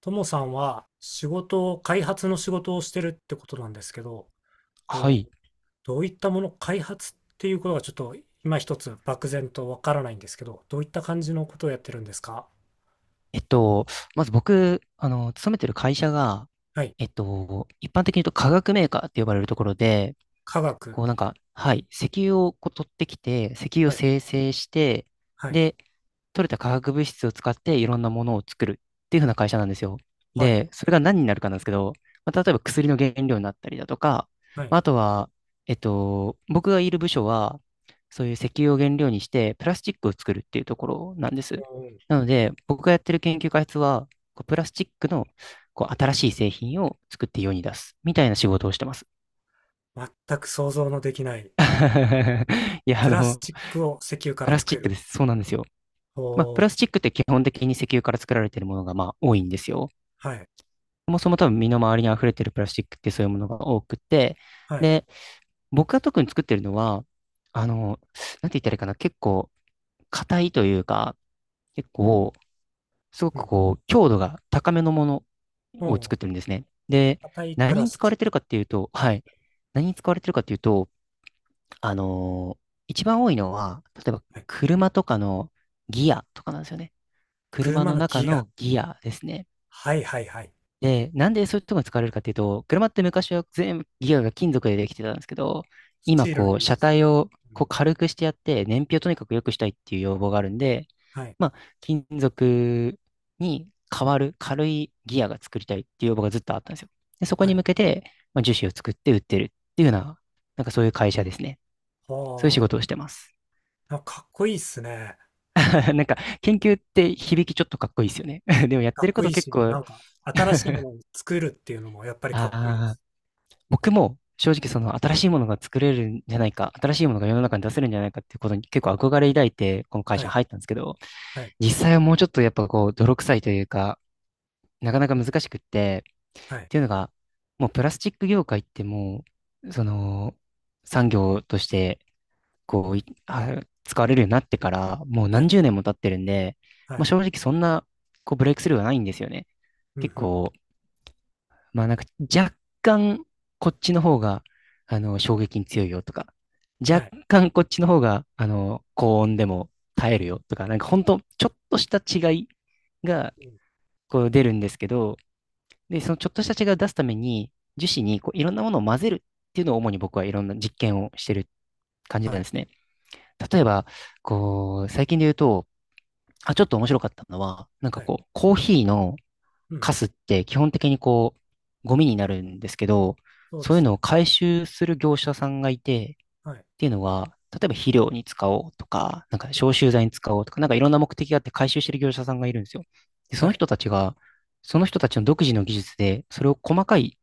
ともさんは仕事を、開発の仕事をしてるってことなんですけど、はと、い。どういったもの、開発っていうことがちょっと今一つ漠然とわからないんですけど、どういった感じのことをやってるんですか？えっと、まず僕、勤めてる会社が、はい。一般的に言うと化学メーカーって呼ばれるところで、科学。こうなんか、はい、石油をこう取ってきて、石油をはい。精製して、はい。で、取れた化学物質を使っていろんなものを作るっていう風な会社なんですよ。はい。で、それが何になるかなんですけど、まあ、例えば薬の原料になったりだとか、はい。まああとは、僕がいる部署は、そういう石油を原料にしてプラスチックを作るっていうところなんでおす。ー。なので、僕がやってる研究開発は、こうプラスチックのこう新しい製品を作って世に出すみたいな仕事をしてます。全く想像のできない。いや、プラスチックを石油かプらラスチ作ックる。です。そうなんですよ。おまあ、プー。ラスチックって基本的に石油から作られているものがまあ多いんですよ。はい。そもそも多分身の回りに溢れているプラスチックってそういうものが多くて、はい。で、僕が特に作ってるのは、あの、なんて言ったらいいかな、結構硬いというか、結構、すごうくん。こう、強度が高めのものを作もってるんですね。で、う、硬いプ何ラにス使わチッれてるク。かっていうと、はい。何に使われてるかっていうと、あのー一番多いのは、例えばはい。車とかのギアとかなんですよね。車車のの中ギア。のギアですね。はいはいはい。で、なんでそういうところに使われるかっていうと、車って昔は全部ギアが金属でできてたんですけど、ス今チールのこイう、メージ車ですね。体をうこうん。軽くしてやって、燃費をとにかく良くしたいっていう要望があるんで、はい。まあ、金属に変わる軽いギアが作りたいっていう要望がずっとあったんですよ。で、そこはにい。向けて、まあ、樹脂を作って売ってるっていうような、なんかそういう会社ですね。そういう仕は事をしてます。あ、なんかかっこいいっすね。なんか、研究って響きちょっとかっこいいですよね。でもやっかてっるここいとい結し、な構、んか新しいものを作るっていうのもやっぱりかっこいいであす。僕も正直その新しいものが作れるんじゃないか、新しいものが世の中に出せるんじゃないかっていうことに結構憧れ抱いて、この会は社にい、入ったんですけど、はい、実際はもうちょっとやっぱこう、泥臭いというか、なかなか難しくって、はっい、ていうのが、もうプラスチック業界ってもう、その、産業として、こうい、あ使われるようになってから、もうは何い、十年も経ってるんで、はまあ、い、正直そんな、こう、ブレイクスルーはないんですよね。うん、う結ん、構、まあなんか若干こっちの方が、衝撃に強いよとか、は若い、干こっちの方が、高温でも耐えるよとか、なんか本当ちょっとした違いがうん、こう出るんですけど、で、そのちょっとした違いを出すために、樹脂にこういろんなものを混ぜるっていうのを主に僕はいろんな実験をしてる感じはなんでい、すね。例えば、こう、最近で言うと、あ、ちょっと面白かったのは、なんかはい、こう、コーヒーのうん、カスって基本的にこう、ゴミになるんですけど、そうでそういうすのをね。回収する業者さんがいて、はい、っていうのは、例えば肥料に使おうとか、なんかうん、消臭剤に使おうとか、なんかいろんな目的があって回収してる業者さんがいるんですよ。で、そはのい、人たちが、その人たちの独自の技術で、それを細かい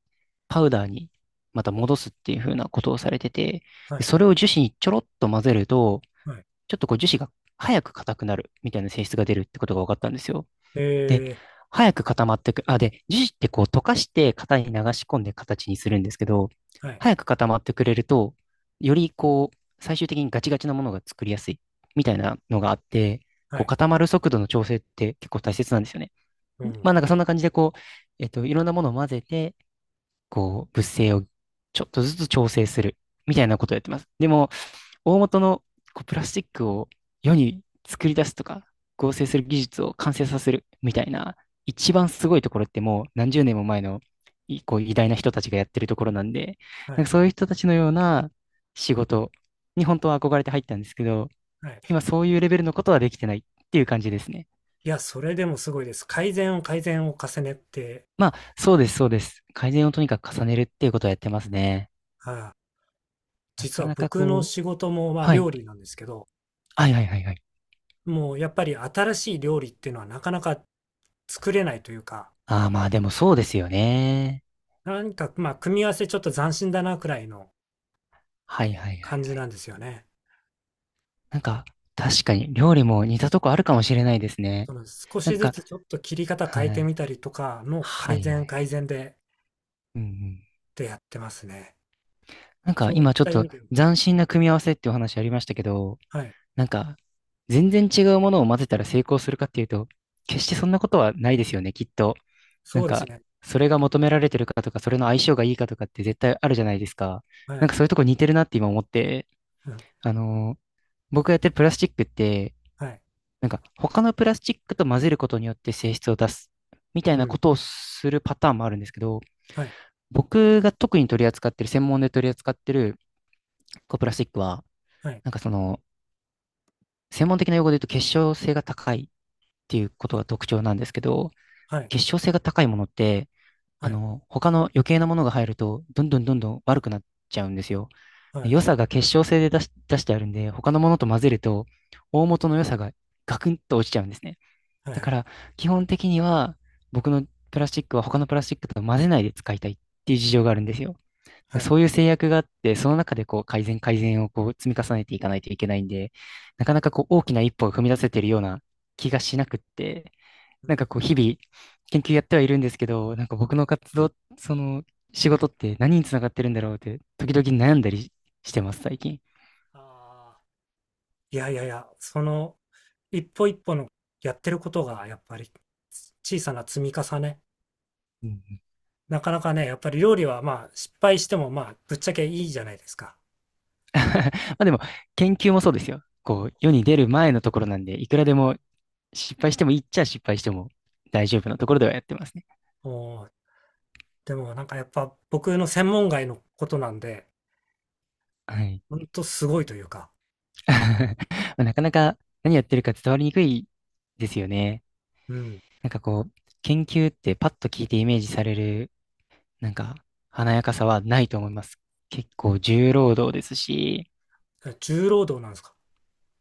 パウダーにまた戻すっていう風なことをされてて、はで、い、それを樹脂にちょろっと混ぜると、はい、ちょっとこう樹脂が早く硬くなるみたいな性質が出るってことが分かったんですよ。で、え早く固まってく。あ、で、樹脂ってこう溶かして型に流し込んで形にするんですけど、はい、早く固まってくれると、よりこう、最終的にガチガチなものが作りやすいみたいなのがあって、はこうい、固まる速度の調整って結構大切なんですよね。うまあん、なんかそんな感じでこう、いろんなものを混ぜて、こう、物性をちょっとずつ調整するみたいなことをやってます。でも、大元のこうプラスチックを世に作り出すとか、合成する技術を完成させるみたいな、一番すごいところってもう何十年も前のいこう偉大な人たちがやってるところなんで、はなんい、かそういう人たちのような仕事に本当は憧れて入ったんですけど、はい。今そういうレベルのことはできてないっていう感じですね。いや、それでもすごいです。改善を改善を重ねて、まあ、そうです、そうです。改善をとにかく重ねるっていうことをやってますね。ああ、な実かはなか僕のこう、仕事もまあはい。料理なんですけど、はいはいはいはい。もうやっぱり新しい料理っていうのはなかなか作れないというか、ああ、まあでもそうですよね。なんか、まあ、組み合わせちょっと斬新だなくらいのはいはいはい。感じなんですよね。なんか、確かに料理も似たとこあるかもしれないですね。その少なしんずか、つちょっと切り方は変えてい。みたりとかのは改いは善い。改善で、うんうん。でやってますね。なんかそういっ今ちょった意と味で、うん、斬新な組み合わせってお話ありましたけど、はい、なんか、全然違うものを混ぜたら成功するかっていうと、決してそんなことはないですよね、きっと。なそんうですか、ね。それが求められてるかとか、それの相性がいいかとかって絶対あるじゃないですか。はなんい、かそういうとこ似てるなって今思って、うん、あのー僕がやってるプラスチックって、はい、なんか他のプラスチックと混ぜることによって性質を出すみたいうなこん、とをするパターンもあるんですけど、はい、僕が特に取り扱ってる、専門で取り扱ってるこうプラスチックは、はい、なんかその、専門的な用語で言うと結晶性が高いっていうこときが特徴なんですけど、はい、結晶性が高いものって、はい、他の余計なものが入ると、どんどんどんどん悪くなっちゃうんですよ。はでい、良さが結晶性で出してあるんで、他のものと混ぜると、大元の良さがガクンと落ちちゃうんですね。はだいはかい、ら、基本的には、僕のプラスチックは他のプラスチックと混ぜないで使いたいっていう事情があるんですよ。はい。そういう制約があって、その中でこう改善改善をこう積み重ねていかないといけないんで、なかなかこう大きな一歩を踏み出せてるような気がしなくって、うなんん、かこう日々研究やってはいるんですけど、なんか僕の活動、その仕事って何につながってるんだろうって時々悩んだりしてます、最近。ああ、いやいやいや、一歩一歩のやってることがやっぱり、小さな積み重ね。うん なかなかね、やっぱり料理はまあ失敗してもまあぶっちゃけいいじゃないですか。まあでも研究もそうですよ。こう世に出る前のところなんで、いくらでも失敗してもいいっちゃ失敗しても大丈夫なところではやってますね。おー。でもなんかやっぱ僕の専門外のことなんで、はい。ほんとすごいというか、まあなかなか何やってるか伝わりにくいですよね。うん。なんかこう、研究ってパッと聞いてイメージされる、なんか華やかさはないと思います。結構重労働ですし、重労働なんですか？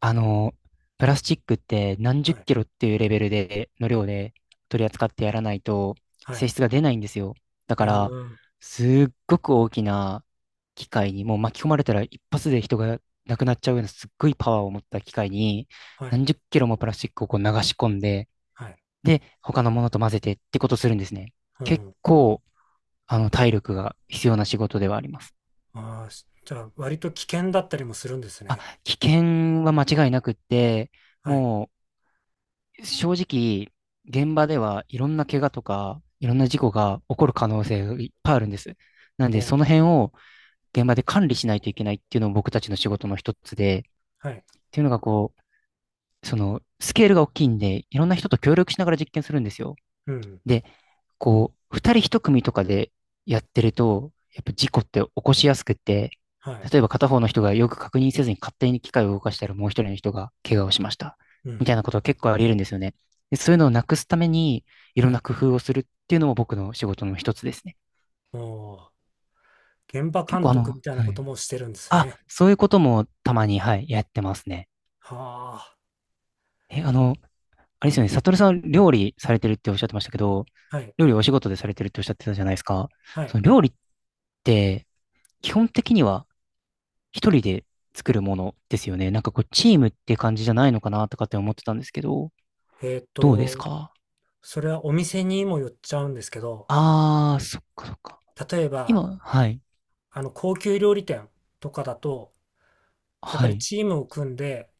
あの、プラスチックって何は十い。キロっていうレベルで、の量で取り扱ってやらないとはい。性質が出ないんですよ。だあから、ー。すっごく大きな機械に、もう巻き込まれたら一発で人が亡くなっちゃうようなすっごいパワーを持った機械に、はい。何十キロもプラスチックをこう流し込んで、はい。で、他のものと混ぜてってことするんですね。う結ん。構、体力が必要な仕事ではあります。ああ、じゃあ割と危険だったりもするんですあ、ね。危険は間違いなくって、はい。もう、正直、現場ではいろんな怪我とか、いろんな事故が起こる可能性がいっぱいあるんです。なんおで、そのー。辺を現場で管理しないといけないっていうのも僕たちの仕事の一つで、っはい。ていうのがこう、その、スケールが大きいんで、いろんな人と協力しながら実験するんですよ。うん。で、こう、二人一組とかでやってると、やっぱ事故って起こしやすくって、はい。例えば片方の人がよく確認せずに勝手に機械を動かしたらもう一人の人が怪我をしました。うみたいなん。ことは結構あり得るんですよね。で、そういうのをなくすために、いはろんい。な工夫をするっていうのも僕の仕事の一つですね。おー。現場結監構督みたいなはことい。もしてるんですあ、ね。そういうこともたまに、はい、やってますね。はあ。え、あれですよね、サトルさん料理されてるっておっしゃってましたけど、はい。料理お仕事でされてるっておっしゃってたじゃないですか。はい。その料理って、基本的には一人で作るものですよね。なんかこう、チームって感じじゃないのかなとかって思ってたんですけど、えっどうですと、か？それはお店にもよっちゃうんですけど、ああー、そっかそっか。例えば、今、はい、高級料理店とかだと、やっぱはりい。チームを組んで、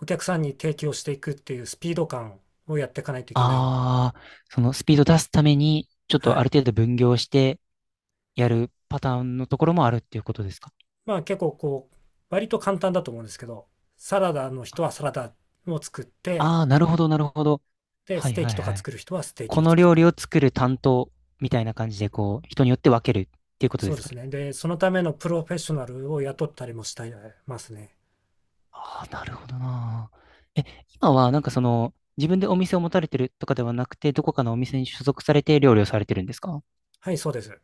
お客さんに提供していくっていうスピード感をやっていかないといけないんで、ああ、そのスピード出すために、ちょっはとあい。る程度分業してやるパターンのところもあるっていうことですか？まあ結構こう、割と簡単だと思うんですけど、サラダの人はサラダを作って、ああー、なるほど、なるほど。で、はスいテーはキいとかはい。作る人はステーこキをの作っ料た理り。を作る担当みたいな感じで、こう、人によって分けるっていうことでそうすでか？すね。で、そのためのプロフェッショナルを雇ったりもしてますね。ああ、なるほどな。え、今はなんかその、自分でお店を持たれてるとかではなくて、どこかのお店に所属されて料理をされてるんですか？はい、そうです。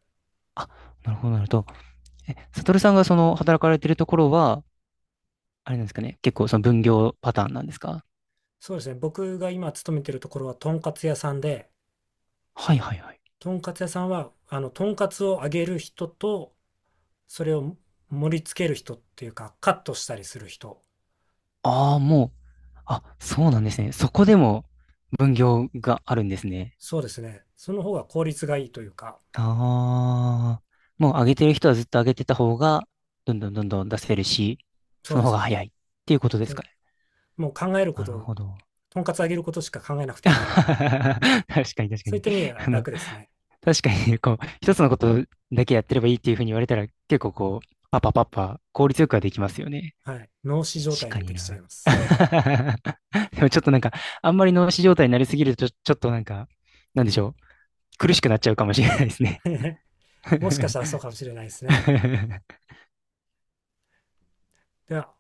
あ、なるほど、なるほど。え、サトルさんがその、働かれてるところは、あれなんですかね、結構その分業パターンなんですか？そうですね。僕が今勤めてるところは、とんかつ屋さんで、はいはいはい。とんかつ屋さんは、とんかつを揚げる人と、それを盛り付ける人っていうか、カットしたりする人。ああ、もう、あ、そうなんですね。そこでも分業があるんですね。そうですね。その方が効率がいいというか、ああ、もう上げてる人はずっと上げてた方が、どんどんどんどん出せるし、そうそので方すがね。早いっていうことですそかね。もう考えるこなるとほを、ど。とんかつ揚げることしか考えなく ていいんで、確かに確かそういっに。た意味ではあの、楽ですね。確かに、こう、一つのことだけやってればいいっていうふうに言われたら、結構こう、パパパパ、効率よくはできますよね。はい。脳死状確態かでにできちゃいな。ます。でもちょっとなんか、あんまり脳死状態になりすぎると、ちょっとなんか、なんでしょう。苦しくなっちゃうかもしれないですね。もしかしたらそう かもしれないですね。では。